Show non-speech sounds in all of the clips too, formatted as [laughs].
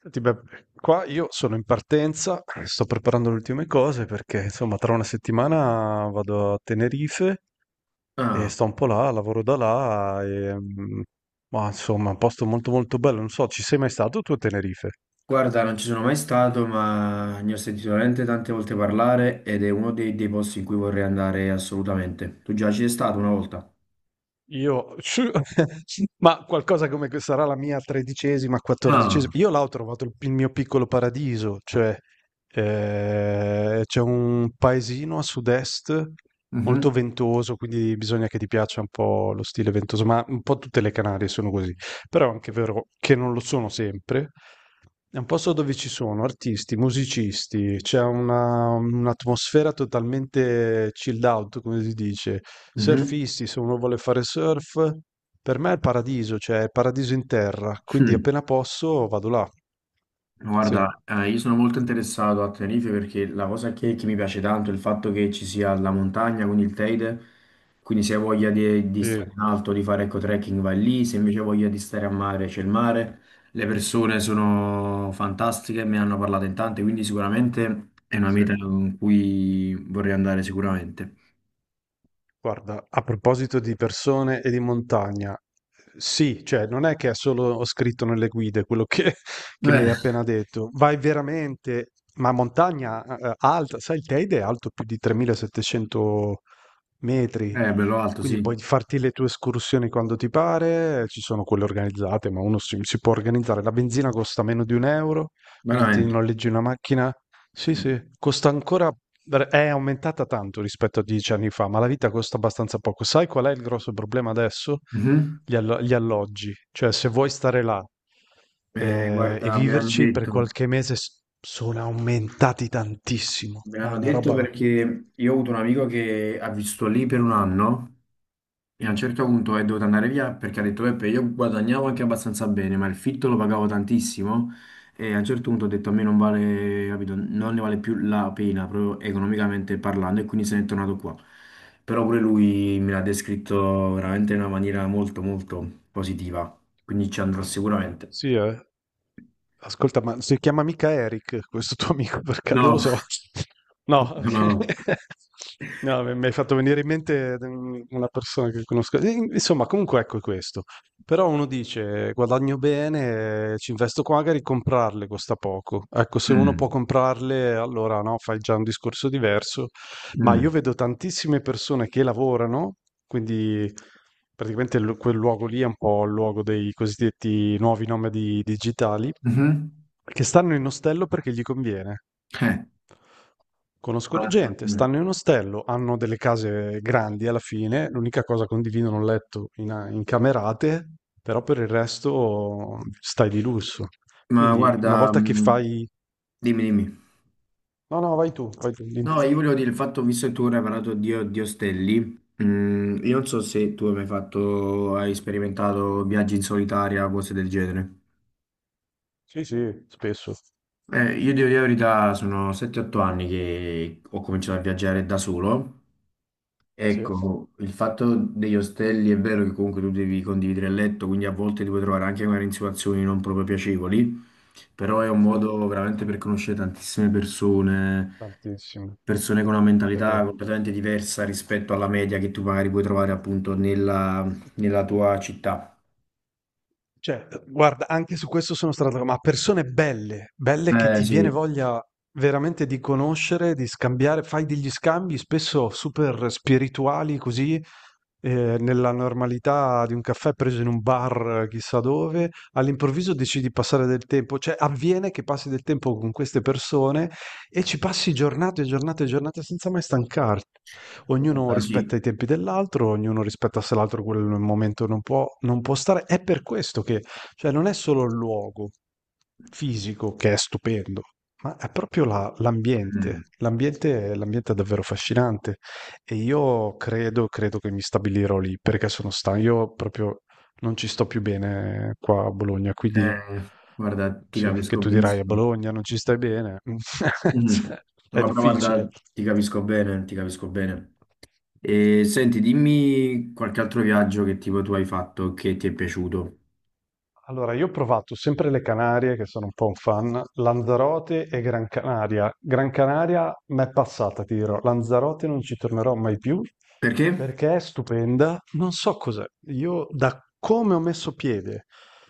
Senti, beh, qua io sono in partenza, sto preparando le ultime cose perché insomma tra una settimana vado a Tenerife e Ah, sto un po' là, lavoro da là e, ma insomma è un posto molto molto bello, non so, ci sei mai stato tu a Tenerife? guarda, non ci sono mai stato, ma ne ho sentito veramente tante volte parlare ed è uno dei posti in cui vorrei andare assolutamente. Tu già ci sei stato una volta? Io [laughs] ma qualcosa come che sarà la mia 13ª, 14ª. Ah, Io là ho trovato il mio piccolo paradiso, cioè c'è un paesino a sud-est molto mhm. ventoso, quindi bisogna che ti piaccia un po' lo stile ventoso, ma un po' tutte le Canarie sono così. Però è anche vero che non lo sono sempre. È un posto dove ci sono artisti, musicisti, c'è un'atmosfera totalmente chilled out, come si dice, surfisti, se uno vuole fare surf, per me è il paradiso, cioè è paradiso in terra, quindi Mhm. appena posso vado là. Sì, Guarda, io sono molto interessato a Tenerife perché la cosa che mi piace tanto è il fatto che ci sia la montagna, quindi il Teide, quindi se hai voglia di sì, stare in alto, di fare ecco trekking vai lì, se invece hai voglia di stare a mare c'è il mare, le persone sono fantastiche, me ne hanno parlato in tante, quindi sicuramente è una sì. meta con cui vorrei andare sicuramente. Guarda, a proposito di persone e di montagna, sì, cioè non è che è solo scritto nelle guide quello che, [laughs] che mi Eh, hai appena detto, vai veramente, ma montagna alta, sai, il Teide è alto più di 3700 metri, è bello alto, sì, quindi puoi farti le tue escursioni quando ti pare, ci sono quelle organizzate, ma uno si può organizzare. La benzina costa meno di 1 euro, quindi ti veramente. noleggi una macchina. Sì, sì, costa ancora, è aumentata tanto rispetto a 10 anni fa, ma la vita costa abbastanza poco. Sai qual è il grosso problema adesso? Mhm. Gli alloggi. Cioè, se vuoi stare là e Guarda, mi hanno viverci per detto. qualche mese, sono aumentati tantissimo, Me ma è l'hanno una detto roba... perché io ho avuto un amico che ha vissuto lì per un anno e a un certo punto è dovuto andare via perché ha detto Peppe, io guadagnavo anche abbastanza bene, ma il fitto lo pagavo tantissimo e a un certo punto ho detto a me non vale, capito, non ne vale più la pena proprio economicamente parlando e quindi se n'è tornato qua. Però pure lui me l'ha descritto veramente in una maniera molto molto positiva, quindi ci andrò sicuramente. Sì, eh. Ascolta, ma si chiama mica Eric questo tuo amico per caso? Lo No, so. No, [laughs] no, ok. no. [laughs] No, mi hai fatto venire in mente una persona che conosco. Insomma, comunque ecco questo. Però uno dice, guadagno bene, ci investo qua, magari comprarle costa poco. Ecco, se uno può Mm, comprarle, allora no, fai già un discorso diverso. Ma io mm, vedo tantissime persone che lavorano, quindi praticamente quel luogo lì è un po' il luogo dei cosiddetti nuovi nomadi digitali, mhm. che stanno in ostello perché gli conviene. Eh. Conoscono Ah, gente, mm. stanno in ostello, hanno delle case grandi alla fine, l'unica cosa condividono un letto in camerate, però per il resto stai di lusso. Ma Quindi una guarda, volta che fai... dimmi, dimmi. No, no, vai tu, vai tu. Dimmi. No, io volevo dire il fatto, visto che tu ora hai parlato di ostelli, io non so se tu hai mai fatto, hai sperimentato viaggi in solitaria, cose del genere. Sì, sì, spesso. Io devo dire la verità, sono 7-8 anni che ho cominciato a viaggiare da solo. Sì, Ecco, il fatto degli ostelli è vero che comunque tu devi condividere il letto, quindi a volte ti puoi trovare anche magari in situazioni non proprio piacevoli, però è un sì, modo veramente per conoscere tantissime persone, tantissimo, persone con una è mentalità vero. completamente diversa rispetto alla media che tu magari puoi trovare appunto nella, nella tua città. Cioè, guarda, anche su questo sono stato, ma persone belle, belle che Eh ti viene sì, voglia veramente di conoscere, di scambiare, fai degli scambi spesso super spirituali così, nella normalità di un caffè preso in un bar chissà dove, all'improvviso decidi di passare del tempo, cioè avviene che passi del tempo con queste persone e ci passi giornate e giornate e giornate senza mai stancarti. Ognuno guarda, sì. rispetta i tempi dell'altro, ognuno rispetta se l'altro quel momento non può, non può stare. È per questo che, cioè, non è solo il luogo fisico che è stupendo, ma è proprio l'ambiente. Mm. L'ambiente, l'ambiente è davvero affascinante e io credo che mi stabilirò lì perché sono stanco. Io proprio non ci sto più bene qua a Bologna, quindi Guarda, ti sì, che capisco tu dirai a benissimo. Bologna non ci stai bene, [laughs] Mm. cioè, è No, però difficile. guarda, ti capisco bene, ti capisco bene. E senti, dimmi qualche altro viaggio che tipo tu hai fatto che ti è piaciuto. Allora, io ho provato sempre le Canarie, che sono un po' un fan, Lanzarote e Gran Canaria. Gran Canaria m'è passata, ti dirò. Lanzarote non ci tornerò mai più Perché? perché è stupenda. Non so cos'è. Io, da come ho messo piede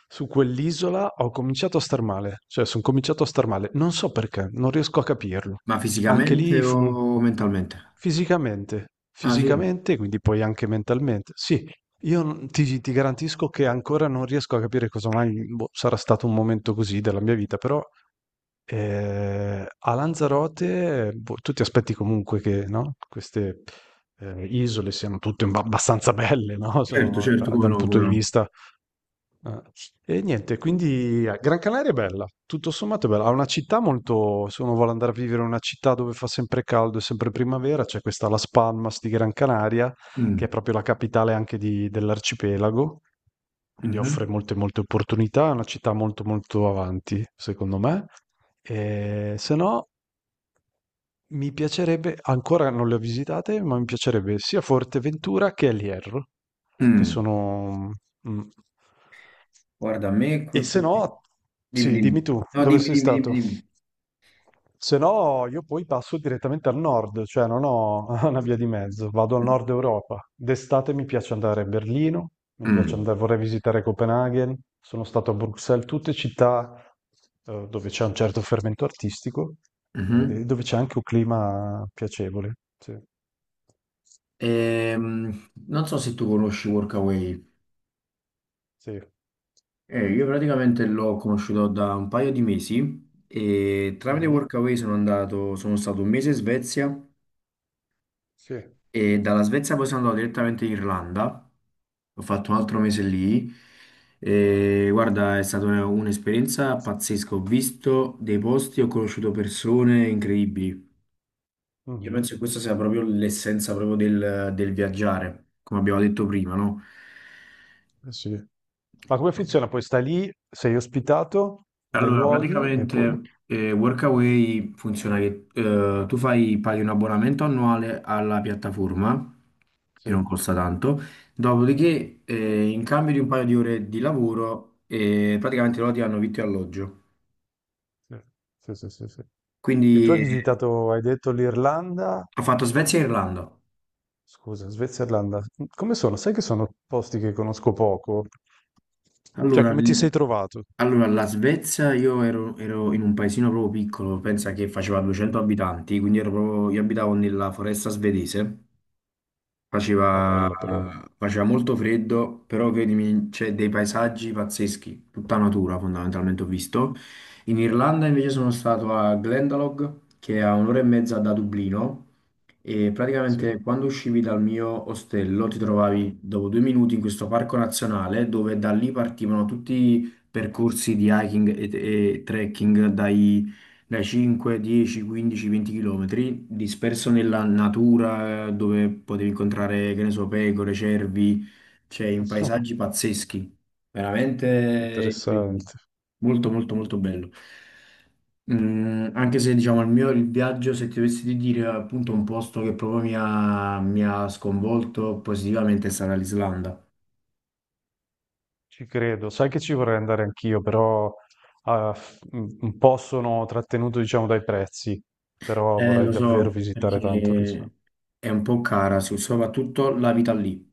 su quell'isola, ho cominciato a star male. Cioè, sono cominciato a star male. Non so perché, non riesco a capirlo. Ma Anche fisicamente lì fu o mentalmente? fisicamente, Ah sì, fisicamente, quindi poi anche mentalmente. Sì, io n ti ti garantisco che ancora non riesco a capire cosa mai boh, sarà stato un momento così della mia vita, però, a Lanzarote, boh, tu ti aspetti comunque che, no, queste, isole siano tutte un abbastanza belle, no, certo, sono certo, da come un no, punto come di no. vista Ah. E niente, quindi Gran Canaria è bella, tutto sommato è bella. Ha una città molto. Se uno vuole andare a vivere in una città dove fa sempre caldo e sempre primavera, c'è questa Las Palmas di Gran Canaria, che Mm, è proprio la capitale anche dell'arcipelago, quindi offre mhm, molte, molte opportunità. È una città molto, molto avanti, secondo me. E se no. Mi piacerebbe ancora non le ho visitate, ma mi piacerebbe sia Forteventura che El Hierro, che mm. sono mh. Guarda, a me qui... E se no, Dimmi, sì, dimmi. dimmi tu, No, dove dimmi, sei dimmi, dimmi, stato? dimmi. Se no, io poi passo direttamente al nord, cioè non ho [laughs] una via di mezzo, vado al nord Europa. D'estate mi piace andare a Berlino, mi piace Mm, andare, vorrei visitare Copenaghen, sono stato a Bruxelles, tutte città dove c'è un certo fermento artistico, mhm. e dove c'è anche un clima piacevole. Sì, Non so se tu conosci Workaway. sì. Io praticamente l'ho conosciuto da un paio di mesi e tramite Mhm. Workaway sono andato, sono stato un mese in Svezia. Sì. E dalla Svezia poi sono andato direttamente in Irlanda, ho fatto un altro mese lì e guarda, è stata un'esperienza pazzesca, ho visto dei posti, ho conosciuto persone incredibili. Io penso che Mhm. questa sia proprio l'essenza proprio del viaggiare, come abbiamo detto prima, no? Eh sì. Ma come funziona? Poi stai lì, sei ospitato nei Allora, luoghi e poi... praticamente Workaway funziona che tu fai, paghi un abbonamento annuale alla piattaforma, che Sì. non costa tanto, dopodiché in cambio di un paio di ore di lavoro praticamente loro ti hanno vitto e alloggio. Sì, sì, sì, sì, sì. E tu Quindi hai visitato, hai detto l'Irlanda, ho fatto Svezia e Irlanda. scusa, Svezia e Irlanda. Come sono? Sai che sono posti che conosco poco? Cioè, Allora, come ti sei trovato? La Svezia io ero in un paesino proprio piccolo, pensa che faceva 200 abitanti, quindi ero proprio- io abitavo nella foresta svedese. Ah, Faceva, bella però. faceva molto freddo, però credimi, c'è dei paesaggi pazzeschi, tutta natura fondamentalmente ho visto. In Irlanda invece sono stato a Glendalough, che è a un'ora e mezza da Dublino, e Sì. praticamente quando uscivi dal mio ostello ti trovavi dopo due minuti in questo parco nazionale dove da lì partivano tutti i percorsi di hiking e trekking dai 5, 10, 15, 20 km, disperso nella natura dove potevi incontrare, che ne so, pecore, cervi, cioè in Ah, paesaggi pazzeschi, veramente incredibili. interessante. Molto, molto, molto bello. Mm, anche se diciamo il mio il viaggio, se ti dovessi di dire appunto un posto che proprio mi ha sconvolto positivamente sarà l'Islanda. Ci credo. Sai che ci vorrei andare anch'io, però ah, un po' sono trattenuto, diciamo, dai prezzi, però vorrei Lo davvero so, visitare tanto l'Islanda. perché è un po' cara, soprattutto la vita lì.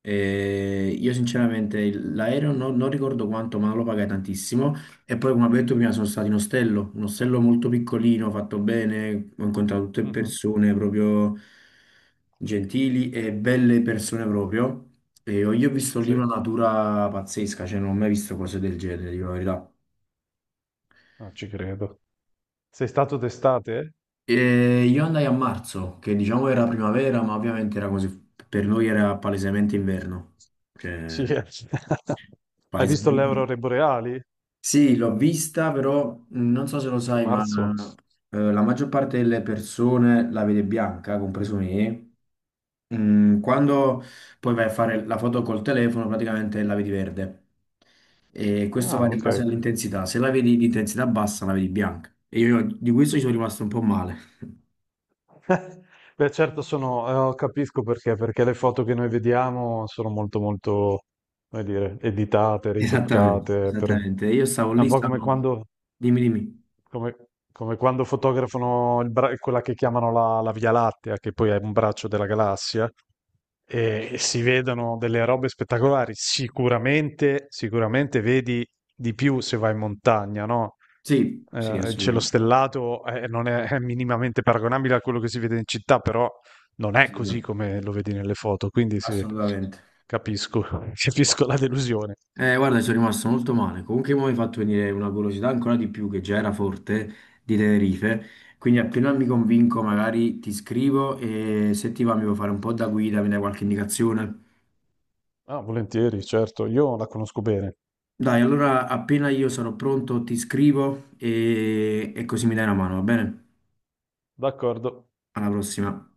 Io Sì. sinceramente l'aereo non ricordo quanto, ma lo pagai tantissimo. E poi, come ho detto prima, sono stato in ostello, un ostello molto piccolino, fatto bene, ho incontrato tutte Mhm, persone proprio gentili e belle persone proprio. Io ho visto lì sì. una natura pazzesca, cioè non ho mai visto cose del genere, dico la verità. Ah, ci credo. Sei stato d'estate? E io andai a marzo, che diciamo era primavera, ma ovviamente era così, per noi era palesemente inverno. Sì, [laughs] Cioè, eh. Hai visto le palesemente... aurore boreali? Sì, l'ho vista, però non so se lo Che sai, ma marzo? La maggior parte delle persone la vede bianca, compreso me. Mm, quando poi vai a fare la foto col telefono, praticamente la vedi verde. E questo Ah, va in ok. base all'intensità. Se la vedi di intensità bassa, la vedi bianca. E io di questo ci sono rimasto un po' male. [laughs] Beh, certo sono, capisco perché, perché le foto che noi vediamo sono molto, molto, come dire, editate, Esattamente, ritoccate. Esattamente. Io stavo È un lì, po' come stavo... quando Dimmi, dimmi. Come, come quando fotografano il quella che chiamano la Via Lattea, che poi è un braccio della galassia, e si vedono delle robe spettacolari. Sicuramente, sicuramente vedi di più se vai in montagna, no? Sì, sì, Il cielo assolutamente. stellato non è minimamente paragonabile a quello che si vede in città, però non è così Assolutamente. come lo vedi nelle foto, quindi sì, Assolutamente. capisco, [laughs] capisco la delusione. Guarda, sono rimasto molto male. Comunque mi hai fatto venire una curiosità ancora di più, che già era forte, di Tenerife. Quindi appena mi convinco, magari ti scrivo e se ti va mi puoi fare un po' da guida, mi dai qualche indicazione. Ah, volentieri, certo, io la conosco bene. Dai, allora appena io sarò pronto ti scrivo e così mi dai una mano, va bene? D'accordo. Alla prossima.